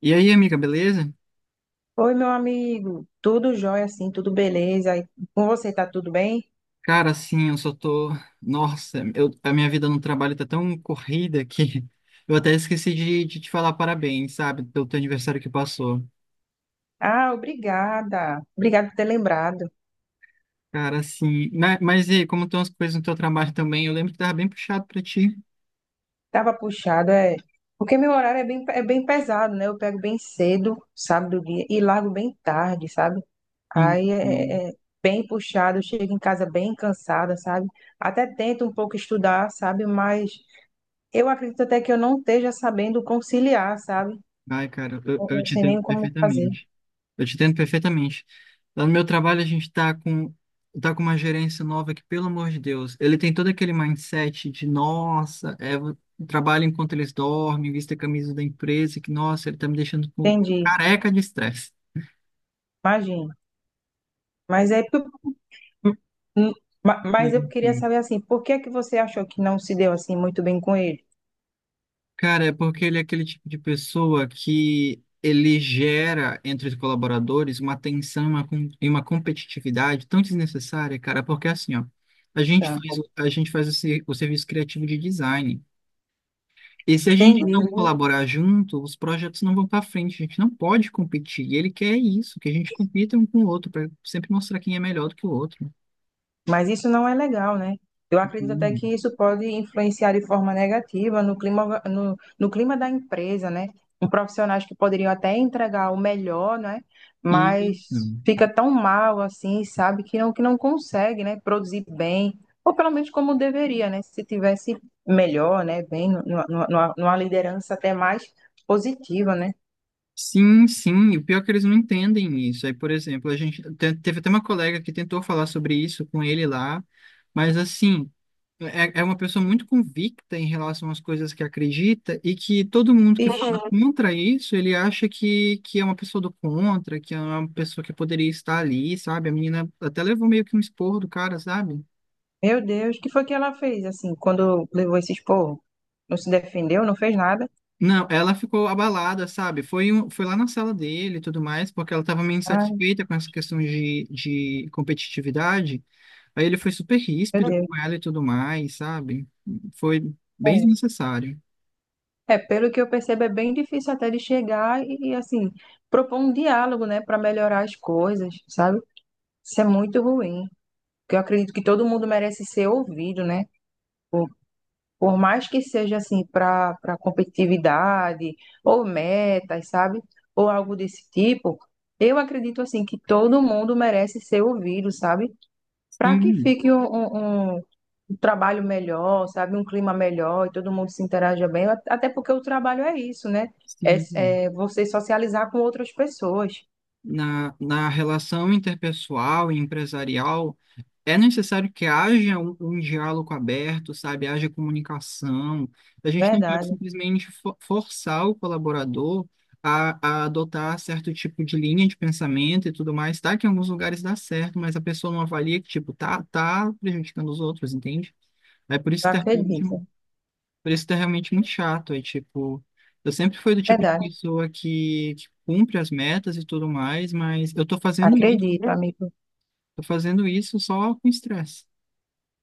E aí, amiga, beleza? Oi, meu amigo. Tudo jóia, assim, tudo beleza? E com você tá tudo bem? Cara, assim, eu só tô. Nossa, a minha vida no trabalho tá tão corrida que eu até esqueci de te falar parabéns, sabe, pelo teu aniversário que passou. Ah, obrigada. Obrigada por ter lembrado. Cara, assim. Mas e aí, como estão as coisas no teu trabalho também? Eu lembro que tava bem puxado pra ti. Tava puxado, é. Porque meu horário é bem pesado, né? Eu pego bem cedo, sabe, do dia, e largo bem tarde, sabe? Aí é, Sim. é é bem puxado, eu chego em casa bem cansada, sabe? Até tento um pouco estudar, sabe? Mas eu acredito até que eu não esteja sabendo conciliar, sabe? Ai, cara, eu, Eu eu não te sei entendo nem como fazer. perfeitamente. Eu te entendo perfeitamente. Lá no meu trabalho, a gente tá com uma gerência nova que, pelo amor de Deus, ele tem todo aquele mindset de, nossa, é, eu trabalho enquanto eles dormem, vista a camisa da empresa, que, nossa, ele tá me deixando Entendi. careca de estresse. Imagino. Mas é Hum, Mas eu Sim, queria sim. saber assim, por que é que você achou que não se deu assim muito bem com ele? Cara, é porque ele é aquele tipo de pessoa que ele gera entre os colaboradores uma tensão uma com- e uma competitividade tão desnecessária, cara, porque assim, ó, Tá. A gente faz o serviço criativo de design. E se a gente Entendi. não colaborar junto, os projetos não vão para frente, a gente não pode competir. E ele quer isso, que a gente compita um com o outro, para sempre mostrar quem é melhor do que o outro. Mas isso não é legal, né? Eu acredito até Hum, que isso pode influenciar de forma negativa no clima, no clima da empresa, né? Um profissionais que poderiam até entregar o melhor, né? isso. Mas fica tão mal assim, sabe? Que não consegue, né? Produzir bem, ou pelo menos como deveria, né? Se tivesse melhor, né? Bem, numa liderança até mais positiva, né? Sim, sim, e o pior é que eles não entendem isso. Aí, por exemplo, teve até uma colega que tentou falar sobre isso com ele lá, mas assim, é uma pessoa muito convicta em relação às coisas que acredita e que todo mundo que Ixi, fala uhum. contra isso, ele acha que é uma pessoa do contra, que é uma pessoa que poderia estar ali, sabe? A menina até levou meio que um esporro do cara, sabe? Meu Deus, o que foi que ela fez, assim, quando levou esse esporro? Não se defendeu, não fez nada? Não, ela ficou abalada, sabe? Foi lá na sala dele e tudo mais, porque ela estava meio Ai, insatisfeita com essa questão de competitividade. Aí ele foi super meu ríspido com Deus. ela e tudo mais, sabe? Foi bem É. desnecessário. É, pelo que eu percebo, é bem difícil até de chegar assim, propor um diálogo, né, para melhorar as coisas, sabe? Isso é muito ruim. Porque eu acredito que todo mundo merece ser ouvido, né? Por mais que seja, assim, para competitividade, ou metas, sabe? Ou algo desse tipo, eu acredito, assim, que todo mundo merece ser ouvido, sabe? Para que Sim, fique um trabalho melhor, sabe? Um clima melhor e todo mundo se interaja bem, até porque o trabalho é isso, né? sim. É, é você socializar com outras pessoas, Na, na relação interpessoal e empresarial, é necessário que haja um diálogo aberto, sabe? Haja comunicação. A gente não pode verdade. simplesmente forçar o colaborador a adotar certo tipo de linha de pensamento e tudo mais. Tá que em alguns lugares dá certo, mas a pessoa não avalia que, tipo, tá prejudicando os outros, entende? É por isso Eu que termina. acredito, Por isso que é realmente muito chato. Aí, tipo, eu sempre fui do tipo de verdade. pessoa que cumpre as metas e tudo mais, mas eu Acredito, amigo. tô fazendo isso só com estresse.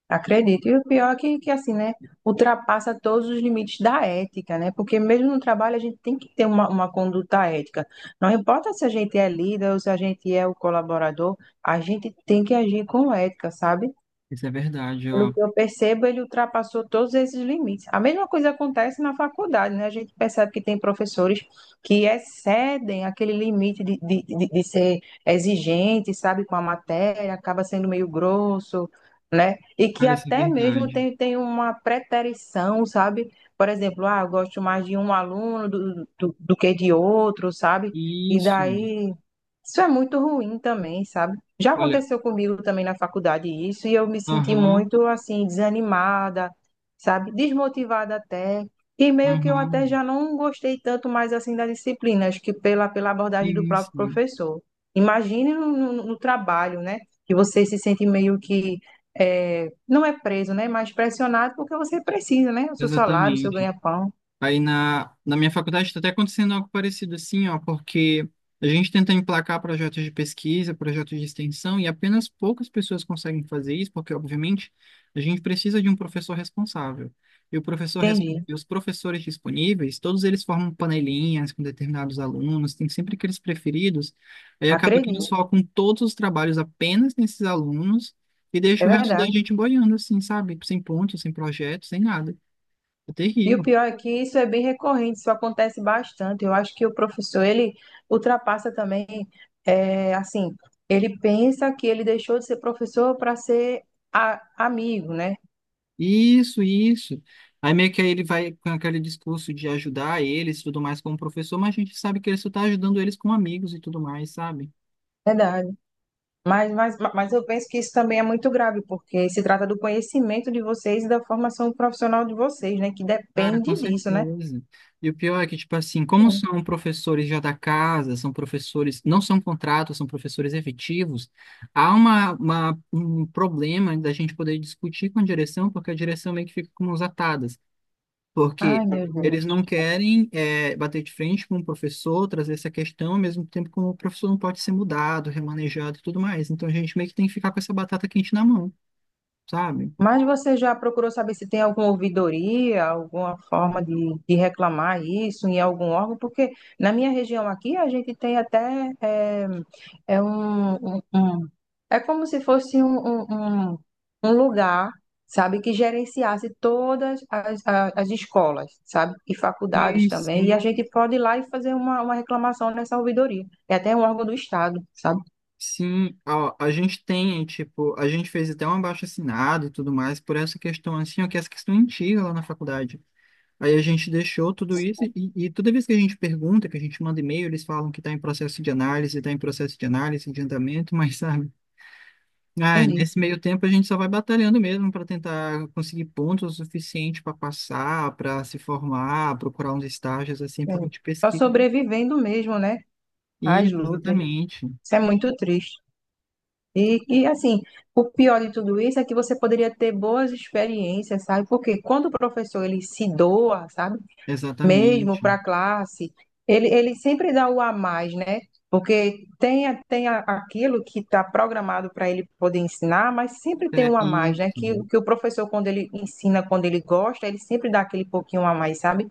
Acredito. E o pior é que assim, né? Ultrapassa todos os limites da ética, né? Porque mesmo no trabalho a gente tem que ter uma conduta ética. Não importa se a gente é líder ou se a gente é o colaborador, a gente tem que agir com ética, sabe? Isso é verdade, ó. Pelo que eu percebo, ele ultrapassou todos esses limites. A mesma coisa acontece na faculdade, né? A gente percebe que tem professores que excedem aquele limite de ser exigente, sabe, com a matéria, acaba sendo meio grosso, né? E que Cara, isso é até mesmo verdade. tem uma preterição, sabe? Por exemplo, ah, eu gosto mais de um aluno do que de outro, sabe? E Isso. daí, isso é muito ruim também, sabe? Já Olha, aconteceu comigo também na faculdade isso, e eu me senti aham, muito assim, desanimada, sabe? Desmotivada até. E meio que eu aham, até já não gostei tanto mais assim da disciplina, acho que pela abordagem do sim, próprio sim, professor. Imagine no trabalho, né? Que você se sente meio que, é, não é preso, né? Mas pressionado porque você precisa, né? O seu salário, o seu exatamente. ganha-pão. Aí na, na minha faculdade está até acontecendo algo parecido assim, ó, porque a gente tenta emplacar projetos de pesquisa, projetos de extensão, e apenas poucas pessoas conseguem fazer isso, porque, obviamente, a gente precisa de um professor responsável. E o professor, res- Entendi. e os professores disponíveis, todos eles formam panelinhas com determinados alunos, tem sempre aqueles preferidos, aí acaba que eles Acredito. focam todos os trabalhos apenas nesses alunos e É deixa o resto da verdade. gente boiando, assim, sabe? Sem ponto, sem projeto, sem nada. É E o terrível. pior é que isso é bem recorrente, isso acontece bastante. Eu acho que o professor, ele ultrapassa também, é, assim, ele pensa que ele deixou de ser professor para ser amigo, né? Isso, isso. Aí meio que aí ele vai com aquele discurso de ajudar eles e tudo mais como professor, mas a gente sabe que ele só tá ajudando eles como amigos e tudo mais, sabe? Verdade. Mas eu penso que isso também é muito grave, porque se trata do conhecimento de vocês e da formação profissional de vocês, né? Que Cara, com depende disso, né? certeza. E o pior é que, tipo assim, como são professores já da casa, são professores, não são contratos, são professores efetivos, há um problema da gente poder discutir com a direção, porque a direção meio que fica com mãos atadas. Porque Ai, meu eles Deus. não querem bater de frente com o professor, trazer essa questão, ao mesmo tempo como o professor não pode ser mudado, remanejado e tudo mais. Então a gente meio que tem que ficar com essa batata quente na mão, sabe? Mas você já procurou saber se tem alguma ouvidoria, alguma forma de reclamar isso em algum órgão? Porque na minha região aqui a gente tem até é um, é como se fosse um lugar, sabe, que gerenciasse todas as, as escolas, sabe, e faculdades E também. E sim, a gente pode ir lá e fazer uma reclamação nessa ouvidoria. É até um órgão do Estado, sabe? sim, ó, a gente tem, tipo, a gente fez até um abaixo-assinado e tudo mais por essa questão assim, ó, que é essa questão antiga lá na faculdade. Aí a gente deixou tudo isso e toda vez que a gente pergunta, que a gente manda e-mail, eles falam que está em processo de análise, está em processo de análise, de andamento, mas sabe? Ah, Entendi. nesse meio tempo a gente só vai batalhando mesmo para tentar conseguir pontos o suficiente para passar, para se formar, procurar uns estágios assim para Entendi. de Só pesquisa. sobrevivendo mesmo, né? Às Isso, lutas. exatamente. Isso é muito triste. E assim, o pior de tudo isso é que você poderia ter boas experiências, sabe? Porque quando o professor ele se doa, sabe? Mesmo Exatamente. para a classe, ele sempre dá o a mais, né? Porque tem, aquilo que está programado para ele poder ensinar, mas sempre tem É um a mais, né? isso. Que o professor, quando ele ensina, quando ele gosta, ele sempre dá aquele pouquinho a mais, sabe?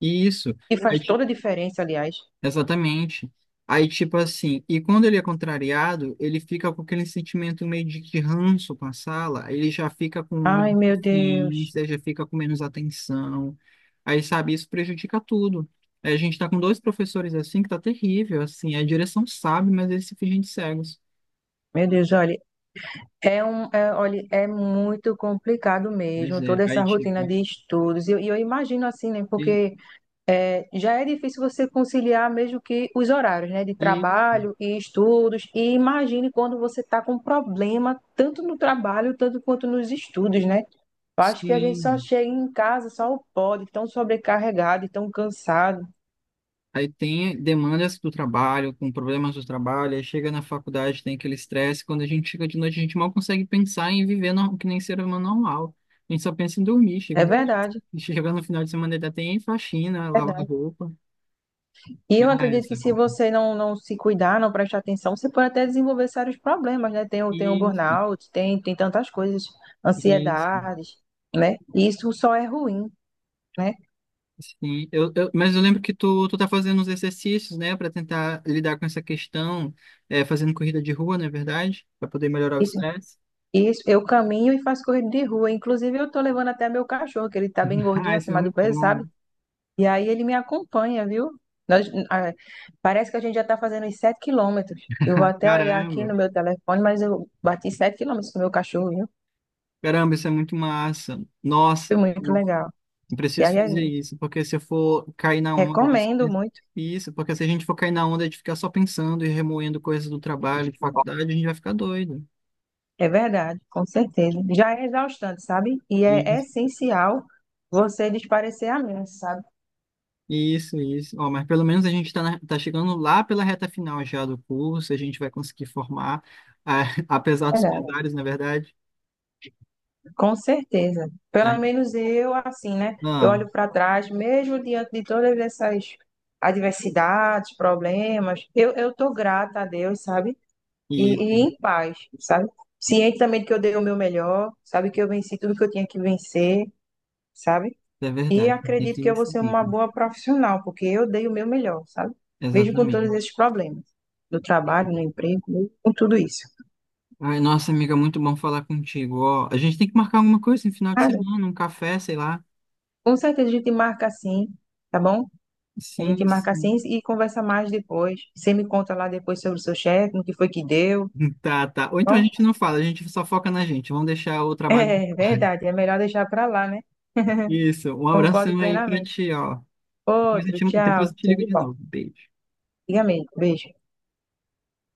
Isso. E faz toda a diferença, aliás. Exatamente. Aí, tipo assim, e quando ele é contrariado, ele fica com aquele sentimento meio de ranço com a sala, aí ele já fica com Ai, menos meu Deus. paciência, já fica com menos atenção. Aí, sabe, isso prejudica tudo. Aí a gente tá com dois professores assim que tá terrível, assim, a direção sabe, mas eles se fingem de cegos. Meu Deus, olha. É um, é, olha, é muito complicado Pois mesmo, é, toda aí essa tipo, rotina de estudos. E eu imagino assim, né? e, Porque é, já é difícil você conciliar mesmo que os horários, né? De e trabalho e estudos. E imagine quando você está com problema, tanto no trabalho, tanto quanto nos estudos, né? Eu acho que a gente só sim, chega em casa, só pode, tão sobrecarregado, e tão cansado. aí tem demandas do trabalho, com problemas do trabalho, aí chega na faculdade, tem aquele estresse. Quando a gente chega de noite, a gente mal consegue pensar em viver que nem ser humano normal. A gente só pensa em dormir. É verdade. Chega no final de semana, ainda tem faxina, lavar roupa. E eu Ah, acredito que essa se coisa. você não se cuidar, não prestar atenção, você pode até desenvolver sérios problemas, né? Tem o Isso, burnout, tem tantas coisas, isso. ansiedades, né? E isso só é ruim, né? Sim. Mas eu lembro que tu tá fazendo uns exercícios, né, para tentar lidar com essa questão, é, fazendo corrida de rua, não é verdade? Para poder melhorar o Isso, estresse. isso, eu caminho e faço corrida de rua. Inclusive, eu tô levando até meu cachorro, que ele tá bem gordinho Ah, isso é acima do muito peso, sabe? bom. E aí ele me acompanha, viu? Nós, ah, Parece que a gente já tá fazendo os 7 quilômetros. Eu vou até olhar aqui Caramba. no meu telefone, mas eu bati 7 quilômetros com o meu cachorro, viu? Caramba, isso é muito massa. Foi Nossa, muito eu legal. E preciso aí, fazer isso, porque se eu for cair na onda Recomendo muito, Isso, porque se a gente for cair na onda de ficar só pensando e remoendo coisas do trabalho, de faculdade, a gente vai ficar doido. é verdade, com certeza. Já é exaustante, sabe? E é Isso, essencial você desparecer a mente, sabe? isso. Isso. Ó, mas pelo menos a gente está tá chegando lá pela reta final já do curso, a gente vai conseguir formar, ah, apesar É dos verdade. pesares, na verdade. Com certeza. Pelo Aí- menos eu, assim, né? Eu ah, olho para trás, mesmo diante de todas essas adversidades, problemas, eu tô grata a Deus, sabe? E isso, em paz, sabe? Ciente também de que eu dei o meu melhor, sabe? Que eu venci tudo que eu tinha que vencer, sabe? é E verdade, tem acredito que que eu vou ser seguir. uma boa profissional, porque eu dei o meu melhor, sabe? Mesmo com todos Exatamente. esses problemas, no trabalho, no emprego, mesmo com tudo isso. Ai, nossa, amiga, muito bom falar contigo. Ó, a gente tem que marcar alguma coisa no final de Mas, semana, um café, sei lá. com certeza a gente marca assim, tá bom? A Sim, gente marca assim sim. e conversa mais depois. Você me conta lá depois sobre o seu chefe, no que foi que deu, Tá, tá. Ou tá então a bom? gente não fala, a gente só foca na gente. Vamos deixar o trabalho do É pai. verdade, é melhor deixar pra lá, né? Isso. Um Concordo abração aí pra plenamente. ti, ó. Outro, Depois tchau, eu te tudo ligo de de bom. novo. Beijo. Fica bem, beijo.